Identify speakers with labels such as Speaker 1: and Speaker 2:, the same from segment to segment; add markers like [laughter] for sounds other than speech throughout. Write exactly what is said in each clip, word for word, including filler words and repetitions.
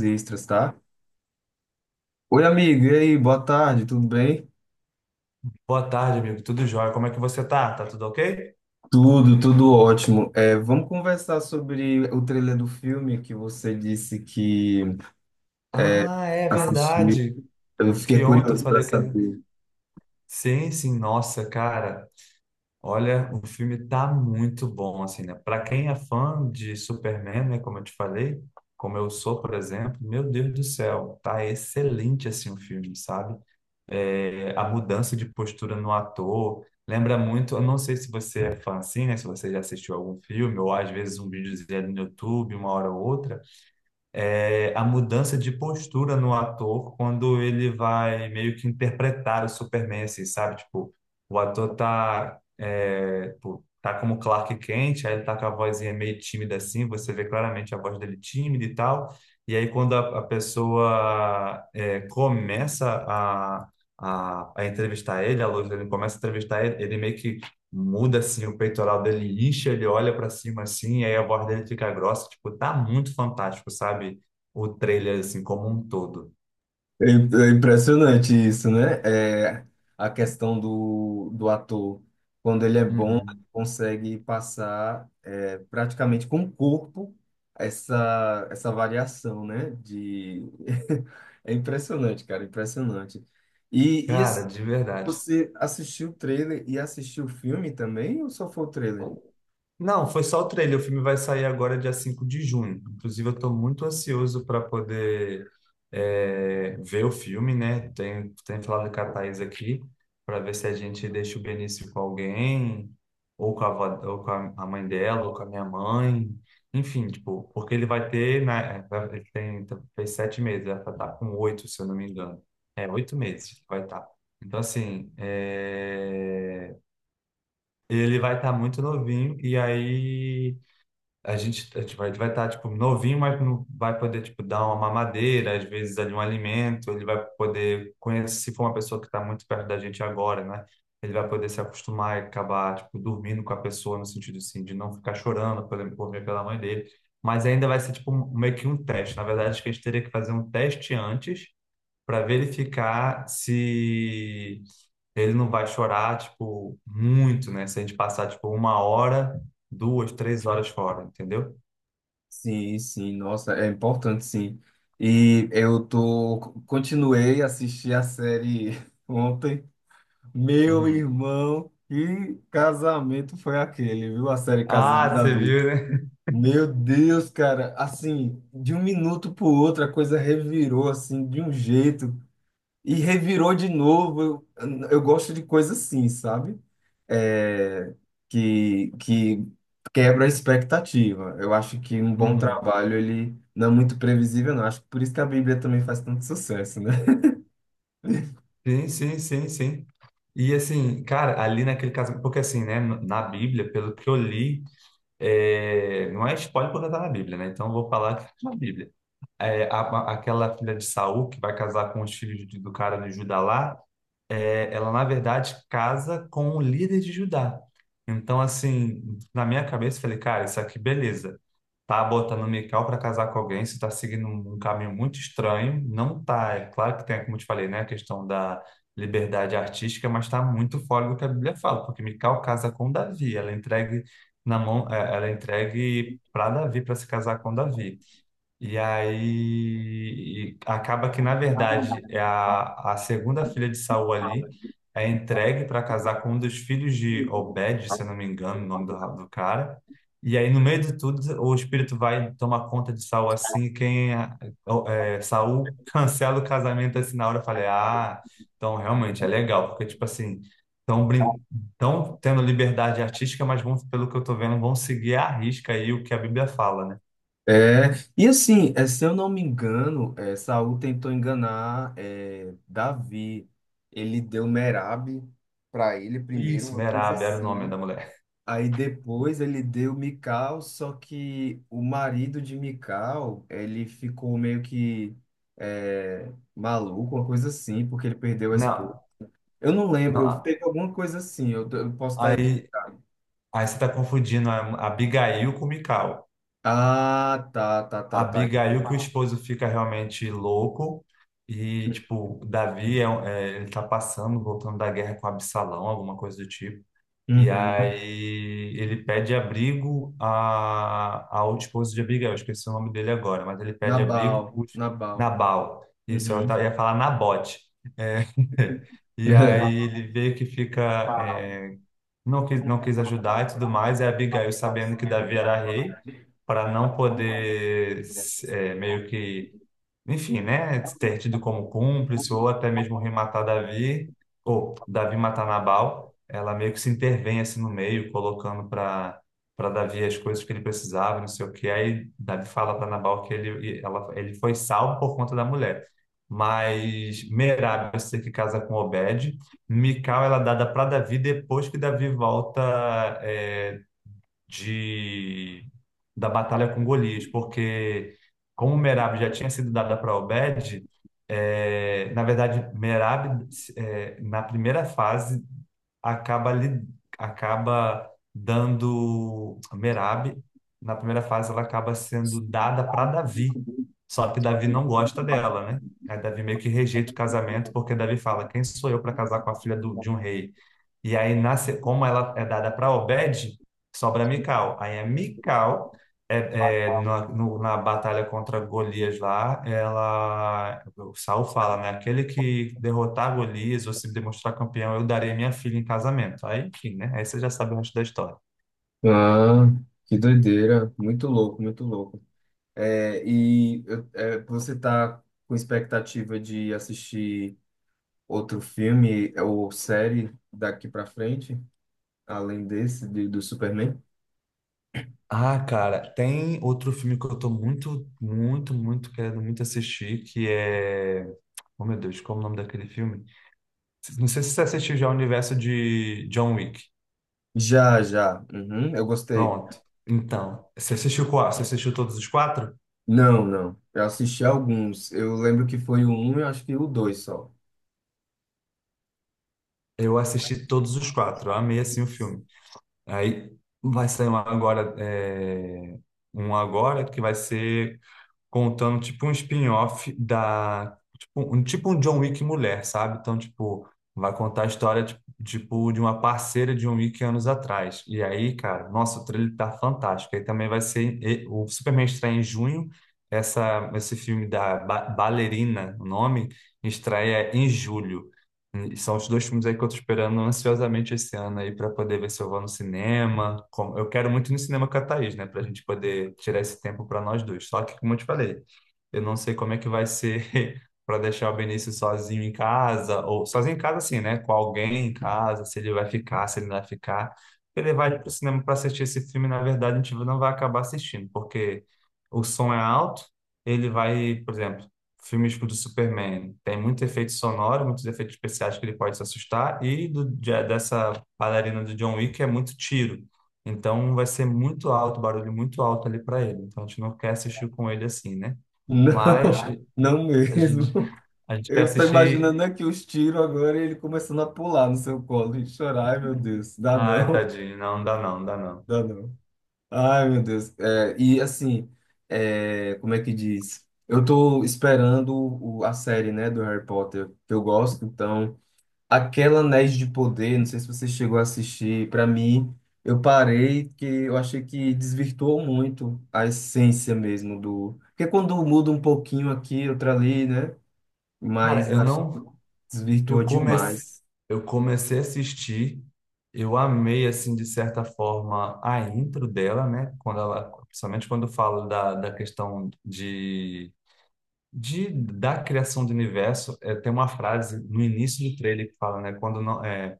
Speaker 1: Extras, tá? Oi, amigo, e aí, boa tarde, tudo bem?
Speaker 2: Boa tarde, amigo. Tudo jóia? Como é que você tá? Tá tudo ok?
Speaker 1: Tudo, tudo ótimo. É, vamos conversar sobre o trailer do filme que você disse que
Speaker 2: Ah, é
Speaker 1: assistiu.
Speaker 2: verdade.
Speaker 1: Eu
Speaker 2: Que
Speaker 1: fiquei
Speaker 2: ontem eu
Speaker 1: curioso para
Speaker 2: falei que.
Speaker 1: saber.
Speaker 2: Sim, sim, nossa, cara. Olha, o filme tá muito bom, assim, né? Pra quem é fã de Superman, né? Como eu te falei, como eu sou, por exemplo, meu Deus do céu, tá excelente, assim, o filme, sabe? É, a mudança de postura no ator. Lembra muito, eu não sei se você é fã assim, né? Se você já assistiu algum filme, ou às vezes um videozinho no YouTube, uma hora ou outra é, a mudança de postura no ator quando ele vai meio que interpretar o Superman, assim, sabe? Tipo, o ator tá, é, tipo, tá como Clark Kent, aí ele tá com a vozinha meio tímida assim, você vê claramente a voz dele tímida e tal. E aí quando a, a pessoa é, começa a, a, a entrevistar ele, a luz dele começa a entrevistar ele, ele meio que muda assim o peitoral dele, incha, ele olha para cima assim, e aí a voz dele fica grossa, tipo, tá muito fantástico, sabe? O trailer assim como um todo.
Speaker 1: É im- é impressionante isso, né? É, a questão do, do ator. Quando ele é bom, ele
Speaker 2: Uhum.
Speaker 1: consegue passar é, praticamente com o corpo essa, essa variação, né? De... [laughs] É impressionante, cara, impressionante. E, e
Speaker 2: Cara, de verdade.
Speaker 1: você assistiu o trailer e assistiu o filme também, ou só foi o trailer?
Speaker 2: Não, foi só o trailer. O filme vai sair agora, dia cinco de junho. Inclusive, eu estou muito ansioso para poder é, ver o filme, né? Tem, tem falado com a Thaís aqui, para ver se a gente deixa o Benício com alguém, ou com a, avó- ou com a a mãe dela, ou com a minha mãe. Enfim, tipo, porque ele vai ter, né? Ele tem, fez sete meses, vai estar com oito, se eu não me engano. É, oito meses que vai estar. Então, assim, é, ele vai estar muito novinho, e aí a gente, a gente vai estar, vai estar tipo novinho, mas não vai poder tipo dar uma mamadeira, às vezes ali um alimento, ele vai poder conhecer, se for uma pessoa que está muito perto da gente agora, né? Ele vai poder se acostumar e acabar tipo dormindo com a pessoa no sentido assim de não ficar chorando por exemplo, por ver pela mãe dele, mas ainda vai ser tipo um- meio que um teste. Na verdade, acho que a gente teria que fazer um teste antes para verificar se ele não vai chorar tipo muito, né? Se a gente passar tipo uma hora duas, três horas fora, entendeu?
Speaker 1: Sim, sim, nossa, é importante sim. E eu tô, continuei a assistir a série [laughs] ontem. Meu
Speaker 2: Uhum.
Speaker 1: irmão, que casamento foi aquele, viu? A série Casa de
Speaker 2: Ah, você
Speaker 1: Davi.
Speaker 2: viu, né?
Speaker 1: Meu Deus, cara, assim, de um minuto pro outro a coisa revirou assim de um jeito. E revirou de novo. Eu, eu gosto de coisa assim, sabe? É, que, que quebra a expectativa. Eu acho que um bom
Speaker 2: Uhum.
Speaker 1: trabalho, ele não é muito previsível, não. Acho que por isso que a Bíblia também faz tanto sucesso, né?
Speaker 2: Sim, sim, sim, sim. E assim, cara, ali naquele caso, porque assim, né, na Bíblia, pelo que eu li, é, não é spoiler porque tá na Bíblia, né? Então eu vou falar que tá na Bíblia. É, a- a- aquela filha de Saul que vai casar com os filhos de- do cara do Judá lá, é, ela na verdade casa com o líder de Judá. Então, assim, na minha cabeça, eu falei, cara, isso aqui, beleza. Tá botando Mical para casar com alguém, você tá seguindo um um caminho muito estranho. Não tá, é claro que tem, como eu te falei, né, a questão da liberdade artística, mas tá muito fora do que a Bíblia fala, porque Mical casa com Davi, ela é entregue na mão, é, ela é entregue para Davi para se casar com Davi. E aí e acaba que, na verdade, é a, a segunda filha de Saul ali é entregue para casar com um dos filhos de Obed, se eu não me engano, o nome do, ra- do cara. E aí, no meio de tudo, o espírito vai tomar conta de Saul assim. e Quem é, é, Saul [laughs] cancela o casamento assim na hora. Eu falei, ah, então realmente é legal, porque, tipo assim, estão tão tendo liberdade artística, mas vão, pelo que eu tô vendo, vão seguir à risca aí o que a Bíblia fala, né?
Speaker 1: É, e assim, é, se eu não me engano, é, Saul tentou enganar é, Davi. Ele deu Merab para ele primeiro,
Speaker 2: Isso,
Speaker 1: uma coisa
Speaker 2: Merab era o nome
Speaker 1: assim.
Speaker 2: da mulher.
Speaker 1: Aí depois ele deu Mikau, só que o marido de Mikau, ele ficou meio que é, maluco, uma coisa assim, porque ele perdeu a esposa.
Speaker 2: Não,
Speaker 1: Eu não lembro,
Speaker 2: não.
Speaker 1: teve alguma coisa assim, eu, eu posso estar aqui.
Speaker 2: Aí, aí você está confundindo a Abigail com Mical.
Speaker 1: Ah, tá, tá, tá, tá.
Speaker 2: Abigail que o esposo fica realmente louco e, tipo, Davi é, um- é, ele tá passando, voltando da guerra com Absalão, alguma coisa do tipo. E
Speaker 1: Uhum.
Speaker 2: aí ele pede abrigo a, ao esposo de Abigail, eu esqueci o nome dele agora, mas ele pede abrigo,
Speaker 1: Nabal,
Speaker 2: os-
Speaker 1: Nabal.
Speaker 2: Nabal. Isso, eu
Speaker 1: Uhum.
Speaker 2: ta- ia falar Nabote. É, [laughs] E aí
Speaker 1: [laughs]
Speaker 2: ele vê que fica, é, não quis, não quis ajudar e tudo mais, e Abigail, sabendo que Davi era rei, para não poder é, meio que enfim, né, ter tido como cúmplice ou até mesmo rematar Davi, ou Davi matar Nabal, ela meio que se intervém assim no meio, colocando para para Davi as coisas que ele precisava, não sei o quê. Aí Davi fala para Nabal que ele, ela, ele foi salvo por conta da mulher. Mas Merab, eu sei que casa com Obed. Mical, ela é dada para Davi depois que Davi volta eh, de da batalha com Golias, porque como Merab já tinha sido dada para Obed, é, na verdade Merab é, na primeira fase acaba lhe acaba dando Merab na primeira fase ela acaba sendo dada para Davi, só que Davi não gosta dela, né? Aí Davi meio que rejeita o casamento porque Davi fala, quem sou eu para casar com a filha do- de um rei? E aí, nasce, como ela é dada para Obed, sobra Mical. Aí a Mical, é, é, na, no- na batalha contra Golias lá, ela, o Saul fala, né? Aquele que derrotar Golias ou se demonstrar campeão, eu darei minha filha em casamento. Aí, enfim, né? Aí você já sabe o resto da história.
Speaker 1: Ah, que doideira. Muito louco, muito louco. É, e eu- é, você tá com expectativa de assistir outro filme ou série daqui pra frente, além desse de- do Superman?
Speaker 2: Ah, cara, tem outro filme que eu tô muito, muito, muito querendo muito assistir, que é... Oh, meu Deus, qual é o nome daquele filme? Não sei se você assistiu já o universo de John Wick.
Speaker 1: Já, já. Uhum, eu gostei.
Speaker 2: Pronto. Então, você assistiu qual? Você assistiu todos os quatro?
Speaker 1: Não, não. Eu assisti alguns. Eu lembro que foi o um e acho que o dois só.
Speaker 2: Eu assisti todos os quatro. Eu amei assim o filme. Aí vai sair um agora, é, um agora que vai ser contando tipo um spin-off da tipo um, tipo um John Wick mulher, sabe? Então, tipo, vai contar a história tipo tipo, de uma parceira de John Wick anos atrás. E aí, cara, nossa, o trailer tá fantástico. Aí também vai ser e- o Superman estreia em junho. Essa, esse filme da Ba- Ballerina, o nome, estreia em julho. E são os dois filmes aí que eu tô esperando ansiosamente esse ano aí para poder ver se eu vou no cinema. Como- Eu quero muito ir no cinema com a Thaís, né? Pra gente poder tirar esse tempo para nós dois. Só que, como eu te falei, eu não sei como é que vai ser [laughs] para deixar o Benício sozinho em casa, ou sozinho em casa assim, né? Com alguém em casa, se ele vai ficar, se ele não vai ficar. Ele vai pro cinema para assistir esse filme, na verdade, a gente não vai acabar assistindo, porque o som é alto. Ele vai, por exemplo, filmes do Superman tem muito efeito sonoro, muitos efeitos especiais que ele pode se assustar, e do, de- dessa bailarina do John Wick é muito tiro. Então vai ser muito alto, barulho muito alto ali para ele. Então a gente não quer assistir com ele assim, né?
Speaker 1: Não,
Speaker 2: Mas
Speaker 1: [laughs] não
Speaker 2: a gente,
Speaker 1: mesmo.
Speaker 2: a gente quer
Speaker 1: Eu tô
Speaker 2: assistir.
Speaker 1: imaginando aqui os tiros agora e ele começando a pular no seu colo e chorar. Ai, meu Deus, dá
Speaker 2: Ai,
Speaker 1: não,
Speaker 2: tadinho, não, não dá não, não dá não.
Speaker 1: dá não. Ai, meu Deus. É, e assim, é, como é que diz? Eu tô esperando o- a série, né, do Harry Potter, que eu gosto, então, aquela Anéis de Poder, não sei se você chegou a assistir. Pra mim, eu parei que eu achei que desvirtuou muito a essência mesmo do... Porque quando muda um pouquinho aqui, outra ali, né, mas
Speaker 2: Cara, eu
Speaker 1: acho que
Speaker 2: não.
Speaker 1: desvirtuou
Speaker 2: Eu comecei,
Speaker 1: demais.
Speaker 2: eu comecei a assistir, eu amei, assim, de certa forma, a intro dela, né? Quando ela, principalmente quando fala da, da questão de, de, da criação do universo, é, tem uma frase no início do trailer que fala, né? Quando, não, é,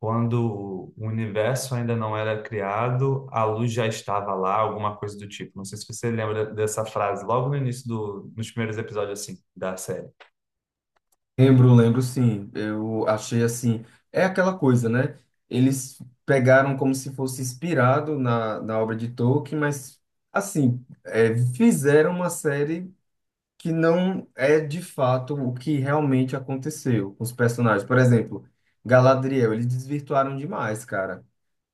Speaker 2: quando o universo ainda não era criado, a luz já estava lá, alguma coisa do tipo. Não sei se você lembra dessa frase, logo no início do, nos primeiros episódios, assim, da série.
Speaker 1: Lembro, lembro sim. Eu achei assim. É aquela coisa, né? Eles pegaram como se fosse inspirado na, na obra de Tolkien, mas, assim, é, fizeram uma série que não é de fato o que realmente aconteceu com os personagens. Por exemplo, Galadriel, eles desvirtuaram demais, cara.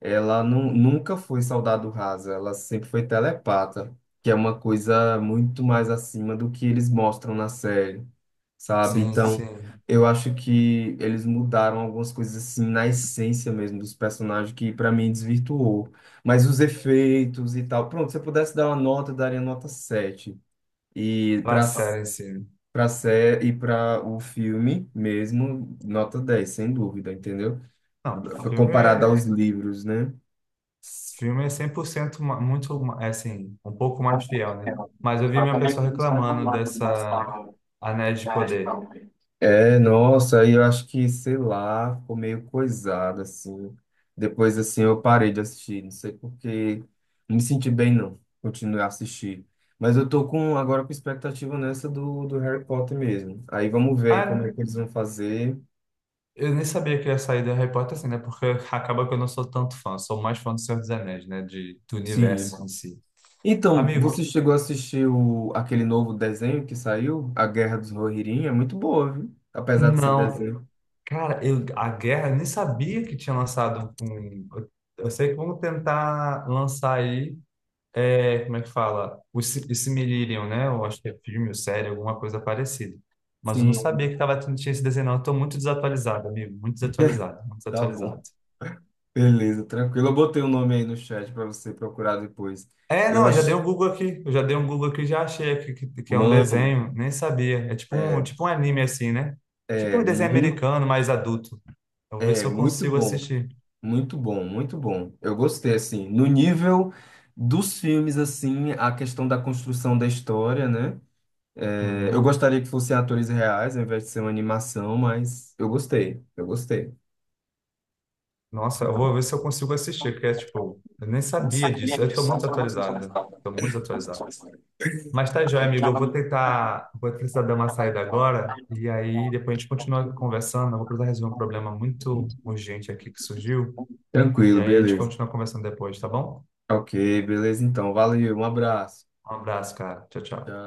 Speaker 1: Ela nu- nunca foi soldado rasa, ela sempre foi telepata, que é uma coisa muito mais acima do que eles mostram na série, sabe?
Speaker 2: Sim,
Speaker 1: Então,
Speaker 2: sim.
Speaker 1: eu acho que eles mudaram algumas coisas assim na essência mesmo dos personagens que pra mim desvirtuou. Mas os efeitos e tal, pronto, se eu pudesse dar uma nota, eu daria nota sete. E
Speaker 2: Pra
Speaker 1: para
Speaker 2: série, sim.
Speaker 1: para série e para o filme mesmo, nota dez sem dúvida, entendeu?
Speaker 2: Não,
Speaker 1: Comparado
Speaker 2: filme,
Speaker 1: aos livros, né?
Speaker 2: filme é cem por cento ma- muito, ma- é assim, um pouco mais fiel, né? Mas eu vi minha pessoa reclamando dessa Anéis de Poder.
Speaker 1: É, nossa, aí eu acho que, sei lá, ficou meio coisado, assim. Depois, assim, eu parei de assistir, não sei porque não me senti bem, não continuei a assistir. Mas eu tô com, agora com expectativa nessa do, do Harry Potter mesmo. Aí vamos ver como é
Speaker 2: Ah,
Speaker 1: que eles vão fazer.
Speaker 2: eu nem sabia que ia sair da Harry Potter assim, né? Porque [laughs] acaba que eu não sou tanto fã, sou mais fã do Senhor dos Anéis, né? De, do
Speaker 1: Sim.
Speaker 2: universo em si.
Speaker 1: Então,
Speaker 2: Amigo,
Speaker 1: você chegou a assistir o, aquele novo desenho que saiu, A Guerra dos Rohirrim? É muito boa, viu? Apesar de ser
Speaker 2: não,
Speaker 1: desenho.
Speaker 2: cara, eu, a guerra, eu nem sabia que tinha lançado um. um, Eu sei que vão tentar lançar aí. É, como é que fala? O si- esse Silmarillion, né? Eu acho que é filme ou série, alguma coisa parecida. Mas eu não
Speaker 1: Sim,
Speaker 2: sabia que tava, tendo- tinha esse desenho, não. Eu tô muito desatualizado, amigo. Muito
Speaker 1: [laughs]
Speaker 2: desatualizado, muito
Speaker 1: tá bom.
Speaker 2: desatualizado.
Speaker 1: Beleza, tranquilo. Eu botei o nome aí no chat para você procurar depois.
Speaker 2: É,
Speaker 1: Eu
Speaker 2: não, eu já dei
Speaker 1: acho,
Speaker 2: um Google aqui. Eu já dei um Google aqui, e já achei aqui que, que é um
Speaker 1: mano,
Speaker 2: desenho. Nem sabia. É tipo um,
Speaker 1: é,
Speaker 2: tipo um anime assim, né? Tipo
Speaker 1: é
Speaker 2: um desenho
Speaker 1: muito,
Speaker 2: americano, mais adulto. Eu vou ver se
Speaker 1: é
Speaker 2: eu
Speaker 1: muito
Speaker 2: consigo
Speaker 1: bom,
Speaker 2: assistir.
Speaker 1: muito bom, muito bom. Eu gostei assim, no nível dos filmes assim, a questão da construção da história, né? É, eu
Speaker 2: Uhum.
Speaker 1: gostaria que fossem atores reais, ao invés de ser uma animação, mas eu gostei, eu gostei.
Speaker 2: Nossa, eu vou ver se eu consigo assistir, porque é tipo, eu nem sabia disso. Eu tô muito atualizado. Tô muito desatualizado. Mas tá joia, amigo. Eu vou tentar. Vou precisar dar uma saída agora. E aí depois a gente continua conversando. Eu vou precisar resolver um problema muito urgente aqui que surgiu. E
Speaker 1: Tranquilo,
Speaker 2: aí a gente
Speaker 1: beleza.
Speaker 2: continua conversando depois, tá bom?
Speaker 1: Ok, beleza. Então, valeu, um abraço.
Speaker 2: Um abraço, cara. Tchau, tchau.